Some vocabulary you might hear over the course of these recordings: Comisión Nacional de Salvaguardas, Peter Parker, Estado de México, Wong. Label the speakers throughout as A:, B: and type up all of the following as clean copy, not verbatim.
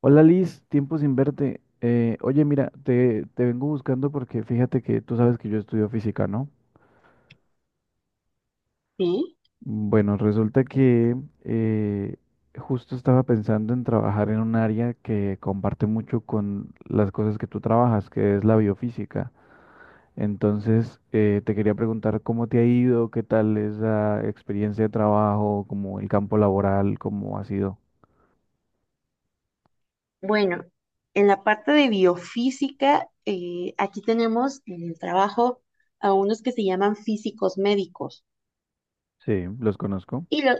A: Hola Liz, tiempo sin verte. Oye, mira, te vengo buscando porque fíjate que tú sabes que yo estudio física, ¿no?
B: Sí,
A: Bueno, resulta que eh, justo estaba pensando en trabajar en un área que comparte mucho con las cosas que tú trabajas, que es la biofísica. Entonces, te quería preguntar cómo te ha ido, qué tal esa experiencia de trabajo, como el campo laboral, cómo ha sido.
B: bueno, en la parte de biofísica, aquí tenemos en el trabajo a unos que se llaman físicos médicos.
A: Sí, los conozco.
B: Y lo,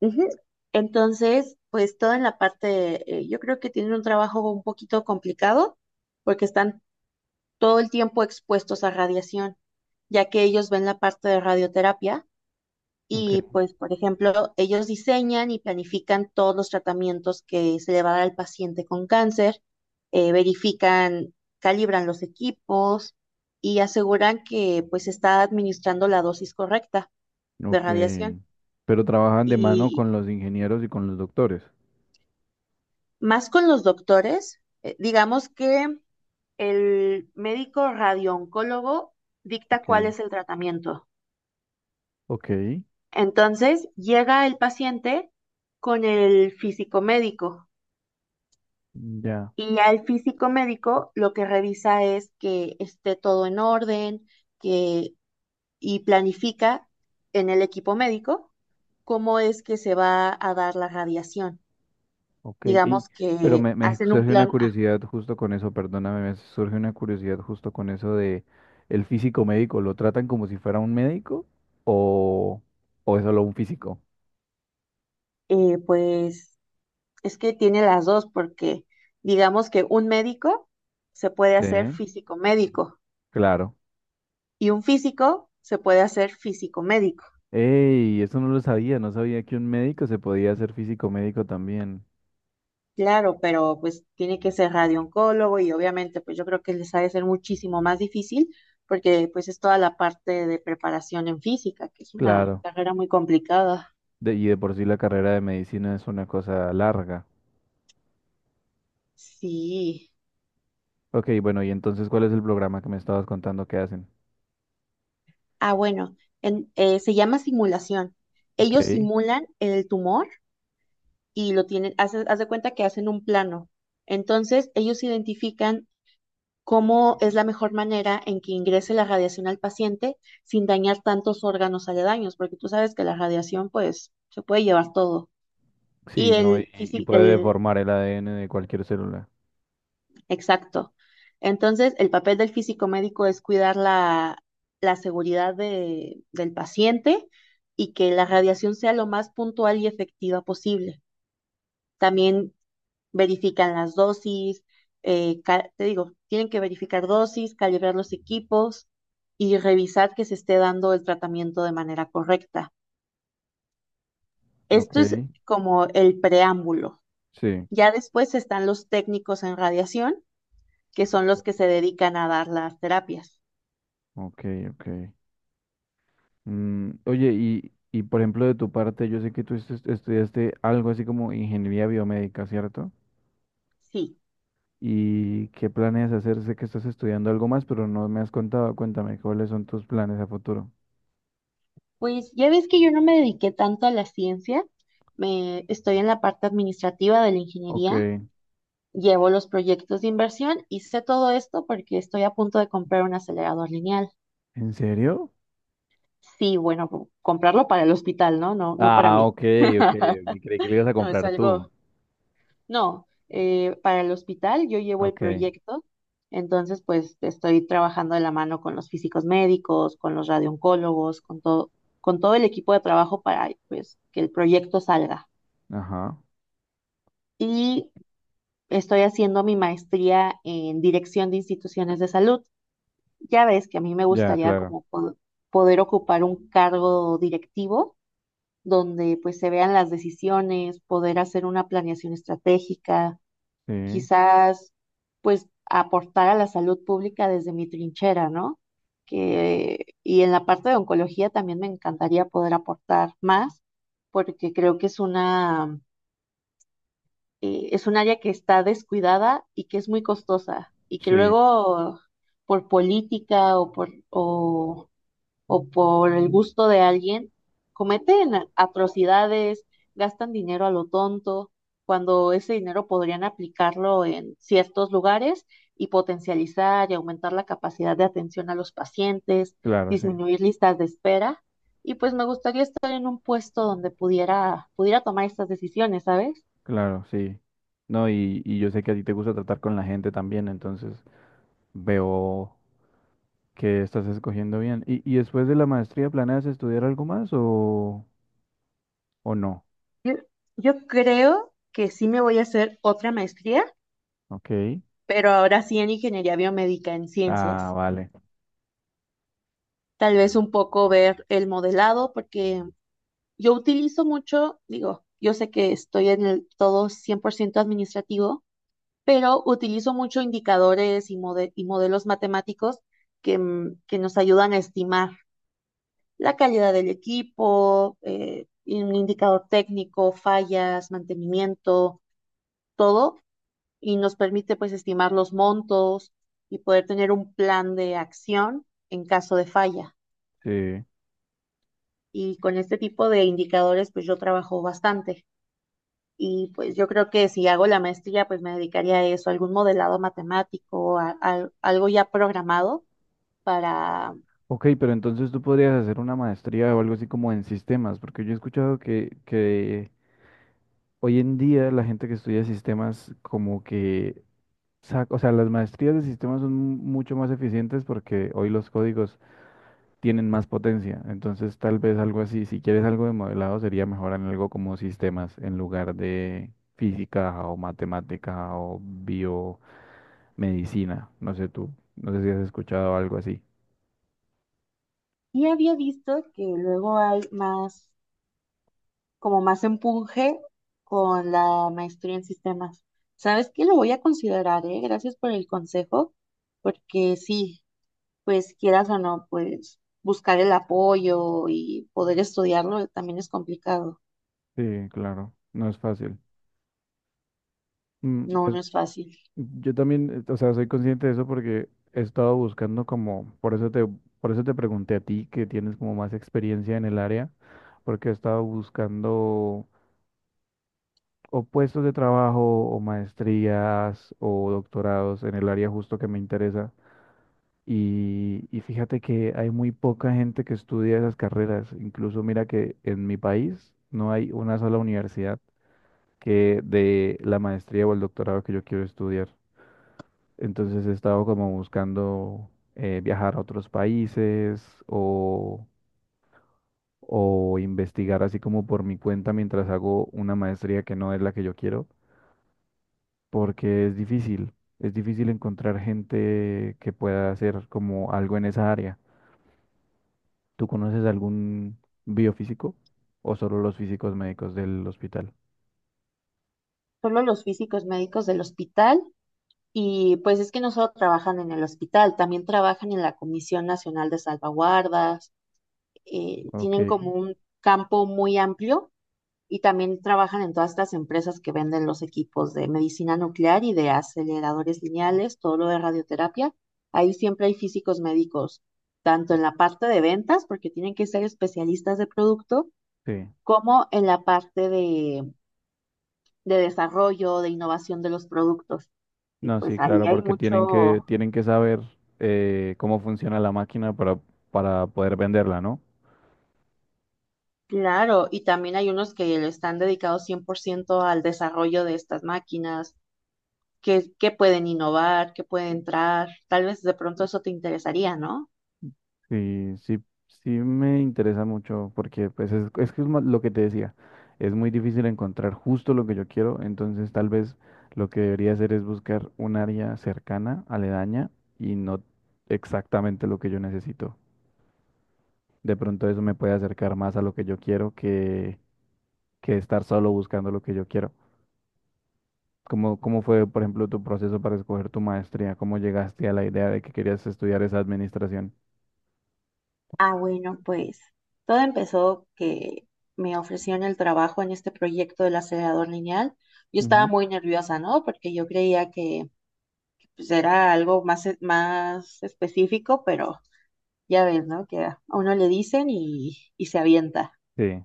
B: ujú. Entonces, pues toda en la parte, yo creo que tienen un trabajo un poquito complicado porque están todo el tiempo expuestos a radiación, ya que ellos ven la parte de radioterapia.
A: Ok.
B: Y pues, por ejemplo, ellos diseñan y planifican todos los tratamientos que se le va a dar al paciente con cáncer, verifican, calibran los equipos y aseguran que pues se está administrando la dosis correcta de
A: Ok.
B: radiación.
A: Pero trabajan de mano
B: Y
A: con los ingenieros y con los doctores.
B: más con los doctores, digamos que el médico radiooncólogo dicta cuál
A: Ok.
B: es el tratamiento.
A: Ok.
B: Entonces, llega el paciente con el físico médico.
A: Ya.
B: Y ya el físico médico lo que revisa es que esté todo en orden, que, y planifica en el equipo médico cómo es que se va a dar la radiación.
A: Ok.
B: Digamos
A: Pero
B: que
A: me
B: hacen un
A: surge una
B: plan A.
A: curiosidad justo con eso, perdóname, me surge una curiosidad justo con eso de el físico médico. ¿Lo tratan como si fuera un médico o, o es solo un físico?
B: Pues es que tiene las dos porque digamos que un médico se puede
A: Sí,
B: hacer físico médico
A: claro.
B: y un físico se puede hacer físico médico.
A: Ey, eso no lo sabía, no sabía que un médico se podía hacer físico médico también.
B: Claro, pero pues tiene que ser radiooncólogo y obviamente pues yo creo que les ha de ser muchísimo más difícil porque pues es toda la parte de preparación en física, que es una
A: Claro.
B: carrera muy complicada.
A: Y de por sí la carrera de medicina es una cosa larga.
B: Sí.
A: Ok, bueno, y entonces, ¿cuál es el programa que me estabas contando que hacen?
B: Ah, bueno, se llama simulación. Ellos
A: Ok,
B: simulan el tumor y lo tienen, haz de cuenta que hacen un plano. Entonces ellos identifican cómo es la mejor manera en que ingrese la radiación al paciente sin dañar tantos órganos aledaños, porque tú sabes que la radiación pues se puede llevar todo. Y
A: sí, no,
B: el
A: y
B: físico,
A: puede
B: el
A: deformar el ADN de cualquier célula.
B: exacto. Entonces, el papel del físico médico es cuidar la seguridad del paciente y que la radiación sea lo más puntual y efectiva posible. También verifican las dosis, te digo, tienen que verificar dosis, calibrar los equipos y revisar que se esté dando el tratamiento de manera correcta.
A: Ok,
B: Esto es como el preámbulo.
A: sí,
B: Ya después están los técnicos en radiación, que son los que se dedican a dar las terapias.
A: ok, ok. Mm, oye, y por ejemplo, de tu parte, yo sé que tú estudiaste algo así como ingeniería biomédica, ¿cierto?
B: Sí,
A: ¿Y qué planeas hacer? Sé que estás estudiando algo más, pero no me has contado. Cuéntame, ¿cuáles son tus planes a futuro?
B: pues ya ves que yo no me dediqué tanto a la ciencia, me estoy en la parte administrativa de la
A: Ok,
B: ingeniería. Llevo los proyectos de inversión y sé todo esto porque estoy a punto de comprar un acelerador lineal.
A: ¿en serio?
B: Sí, bueno, comprarlo para el hospital, ¿no? No, no para
A: Ah,
B: mí.
A: ok, ok, ok, creí que le ibas a
B: No, es
A: comprar tú.
B: algo. No, para el hospital yo llevo el
A: Ok,
B: proyecto, entonces pues estoy trabajando de la mano con los físicos médicos, con los radioncólogos, con todo el equipo de trabajo para pues que el proyecto salga.
A: ajá.
B: Y estoy haciendo mi maestría en dirección de instituciones de salud. Ya ves que a mí me
A: Ya,
B: gustaría
A: claro.
B: como poder ocupar un cargo directivo donde pues se vean las decisiones, poder hacer una planeación estratégica,
A: Sí,
B: quizás pues aportar a la salud pública desde mi trinchera, ¿no? Que, y en la parte de oncología también me encantaría poder aportar más porque creo que es es un área que está descuidada y que es muy costosa y que
A: sí,
B: luego por política o por... O, o por el gusto de alguien, cometen atrocidades, gastan dinero a lo tonto, cuando ese dinero podrían aplicarlo en ciertos lugares y potencializar y aumentar la capacidad de atención a los pacientes,
A: claro, sí,
B: disminuir listas de espera. Y pues me gustaría estar en un puesto donde pudiera tomar estas decisiones, ¿sabes?
A: claro, sí. No, y yo sé que a ti te gusta tratar con la gente también, entonces veo que estás escogiendo bien. Y después de la maestría planeas estudiar algo más o no?
B: Yo, yo creo que sí me voy a hacer otra maestría,
A: Ok.
B: pero ahora sí en ingeniería biomédica, en
A: Ah,
B: ciencias.
A: vale.
B: Tal vez un poco ver el modelado, porque yo utilizo mucho, digo, yo sé que estoy en el todo 100% administrativo, pero utilizo mucho indicadores y modelos matemáticos que, que nos ayudan a estimar la calidad del equipo, y un indicador técnico, fallas, mantenimiento, todo, y nos permite pues estimar los montos y poder tener un plan de acción en caso de falla.
A: Sí.
B: Y con este tipo de indicadores pues yo trabajo bastante y pues yo creo que si hago la maestría pues me dedicaría a eso, a algún modelado matemático, a algo ya programado para...
A: Ok, pero entonces tú podrías hacer una maestría o algo así como en sistemas, porque yo he escuchado que hoy en día la gente que estudia sistemas como que O sea, las maestrías de sistemas son mucho más eficientes porque hoy los códigos tienen más potencia. Entonces, tal vez algo así, si quieres algo de modelado, sería mejor en algo como sistemas en lugar de física o matemática o biomedicina. No sé tú, no sé si has escuchado algo así.
B: Y había visto que luego hay más, como más empuje con la maestría en sistemas. ¿Sabes qué? Lo voy a considerar, ¿eh? Gracias por el consejo, porque sí, pues quieras o no, pues buscar el apoyo y poder estudiarlo también es complicado.
A: Sí, claro, no es fácil. Mm,
B: No,
A: pues
B: no es fácil.
A: yo también, o sea, soy consciente de eso porque he estado buscando como, por eso por eso te pregunté a ti que tienes como más experiencia en el área, porque he estado buscando o puestos de trabajo o maestrías o doctorados en el área justo que me interesa. Y fíjate que hay muy poca gente que estudia esas carreras. Incluso mira que en mi país no hay una sola universidad que de la maestría o el doctorado que yo quiero estudiar. Entonces he estado como buscando viajar a otros países o, o investigar así como por mi cuenta mientras hago una maestría que no es la que yo quiero, porque es difícil encontrar gente que pueda hacer como algo en esa área. ¿Tú conoces algún biofísico o solo los físicos médicos del hospital?
B: Solo los físicos médicos del hospital y pues es que no solo trabajan en el hospital, también trabajan en la Comisión Nacional de Salvaguardas,
A: Ok,
B: tienen como un campo muy amplio y también trabajan en todas estas empresas que venden los equipos de medicina nuclear y de aceleradores lineales, todo lo de radioterapia. Ahí siempre hay físicos médicos, tanto en la parte de ventas, porque tienen que ser especialistas de producto,
A: sí.
B: como en la parte de desarrollo, de innovación de los productos. Y
A: No, sí,
B: pues ahí
A: claro,
B: hay
A: porque
B: mucho,
A: tienen que saber cómo funciona la máquina para poder venderla, ¿no?
B: claro, y también hay unos que le están dedicados 100% al desarrollo de estas máquinas, que pueden innovar, que pueden entrar. Tal vez de pronto eso te interesaría, ¿no?
A: Sí, sí, sí me interesa mucho porque pues es que es lo que te decía, es muy difícil encontrar justo lo que yo quiero, entonces tal vez lo que debería hacer es buscar un área cercana, aledaña y no exactamente lo que yo necesito. De pronto eso me puede acercar más a lo que yo quiero que estar solo buscando lo que yo quiero. ¿Cómo, cómo fue, por ejemplo, tu proceso para escoger tu maestría? ¿Cómo llegaste a la idea de que querías estudiar esa administración?
B: Ah, bueno, pues todo empezó que me ofrecieron el trabajo en este proyecto del acelerador lineal. Yo estaba
A: Ujú.
B: muy nerviosa, ¿no? Porque yo creía que pues, era algo más, más específico, pero ya ves, ¿no? Que a uno le dicen y se avienta.
A: Sí,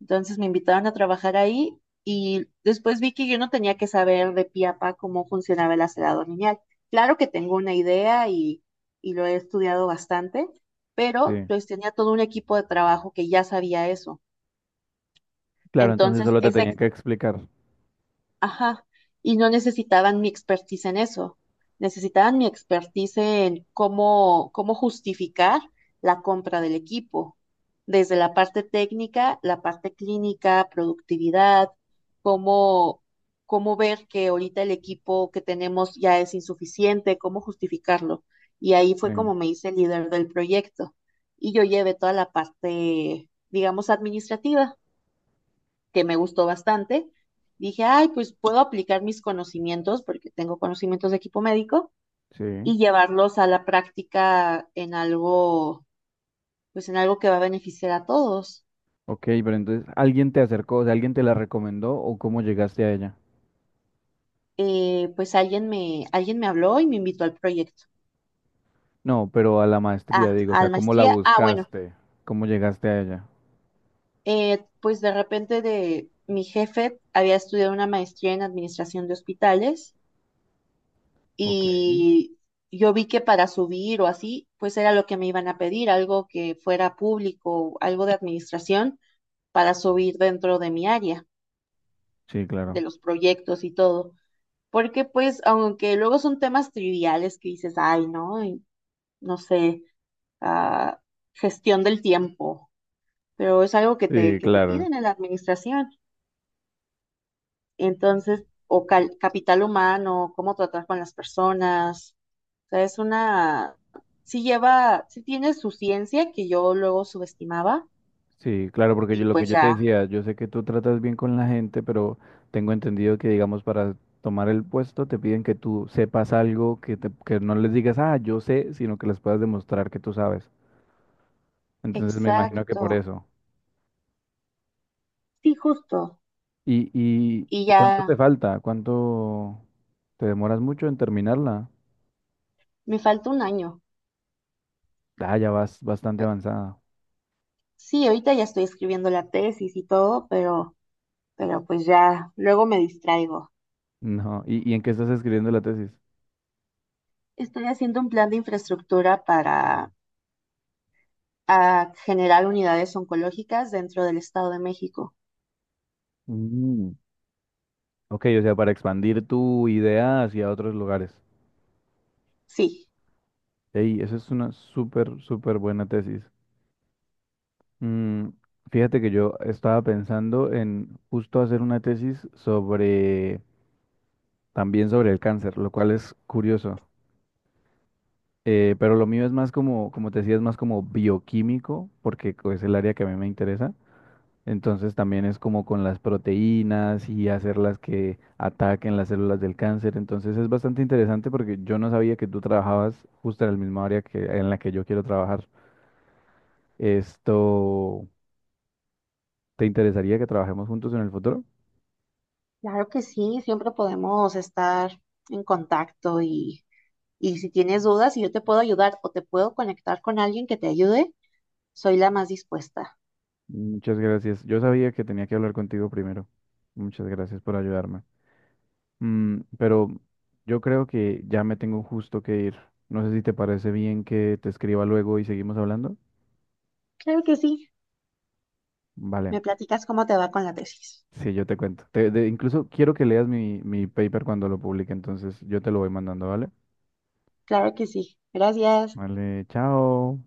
B: Entonces me invitaron a trabajar ahí y después vi que yo no tenía que saber de pie a pa cómo funcionaba el aserado lineal. Claro que tengo una idea y lo he estudiado bastante, pero
A: sí.
B: pues tenía todo un equipo de trabajo que ya sabía eso.
A: Claro, entonces
B: Entonces,
A: solo te
B: esa
A: tenían que explicar.
B: ajá, y no necesitaban mi expertise en eso, necesitaban mi expertise en cómo justificar la compra del equipo, desde la parte técnica, la parte clínica, productividad, cómo, cómo ver que ahorita el equipo que tenemos ya es insuficiente, cómo justificarlo. Y ahí
A: Sí,
B: fue como me hice líder del proyecto. Y yo llevé toda la parte, digamos, administrativa que me gustó bastante. Dije, ay, pues puedo aplicar mis conocimientos, porque tengo conocimientos de equipo médico,
A: sí.
B: y llevarlos a la práctica en algo, pues en algo que va a beneficiar a todos.
A: Ok, pero entonces, ¿alguien te acercó, o sea, alguien te la recomendó o cómo llegaste a ella?
B: Alguien me habló y me invitó al proyecto.
A: No, pero a la maestría,
B: Ah,
A: digo, o
B: a
A: sea,
B: la
A: ¿cómo la
B: maestría. Ah, bueno,
A: buscaste? ¿Cómo llegaste a ella?
B: pues de repente de mi jefe había estudiado una maestría en administración de hospitales
A: Ok.
B: y yo vi que para subir o así, pues era lo que me iban a pedir, algo que fuera público, algo de administración para subir dentro de mi área,
A: Sí,
B: de
A: claro.
B: los proyectos y todo. Porque pues, aunque luego son temas triviales que dices, ay, no, y no sé, ah, gestión del tiempo, pero es algo que
A: Sí,
B: que te
A: claro.
B: piden en la administración. Entonces, o capital humano, cómo tratar con las personas. O sea, sí lleva, sí tiene su ciencia que yo luego subestimaba
A: Sí, claro, porque yo,
B: y
A: lo que
B: pues
A: yo te
B: ya,
A: decía, yo sé que tú tratas bien con la gente, pero tengo entendido que, digamos, para tomar el puesto te piden que tú sepas algo, que, que no les digas, ah, yo sé, sino que les puedas demostrar que tú sabes. Entonces me imagino que por
B: exacto,
A: eso.
B: sí, justo. Y
A: Y cuánto te
B: ya
A: falta? ¿Cuánto te demoras mucho en terminarla?
B: me falta un año.
A: Ah, ya vas bastante avanzada.
B: Sí, ahorita ya estoy escribiendo la tesis y todo, pero pues ya, luego me distraigo.
A: No, y en qué estás escribiendo la tesis?
B: Estoy haciendo un plan de infraestructura para ah, generar unidades oncológicas dentro del Estado de México.
A: Mm, ok, o sea, para expandir tu idea hacia otros lugares.
B: Sí.
A: Ey, eso es una súper, súper buena tesis. Mm, fíjate que yo estaba pensando en justo hacer una tesis sobre, también sobre el cáncer, lo cual es curioso. Pero lo mío es más como, como te decía, es más como bioquímico, porque es el área que a mí me interesa. Entonces también es como con las proteínas y hacerlas que ataquen las células del cáncer. Entonces es bastante interesante porque yo no sabía que tú trabajabas justo en el mismo área que, en la que yo quiero trabajar. Esto, ¿te interesaría que trabajemos juntos en el futuro?
B: Claro que sí, siempre podemos estar en contacto y si tienes dudas y yo te puedo ayudar o te puedo conectar con alguien que te ayude, soy la más dispuesta.
A: Muchas gracias. Yo sabía que tenía que hablar contigo primero. Muchas gracias por ayudarme. Mm, pero yo creo que ya me tengo justo que ir. No sé si te parece bien que te escriba luego y seguimos hablando.
B: Claro que sí,
A: Vale,
B: me platicas cómo te va con la tesis.
A: sí, yo te cuento. Incluso quiero que leas mi paper cuando lo publique, entonces yo te lo voy mandando, ¿vale?
B: Claro que sí, gracias.
A: Vale, chao.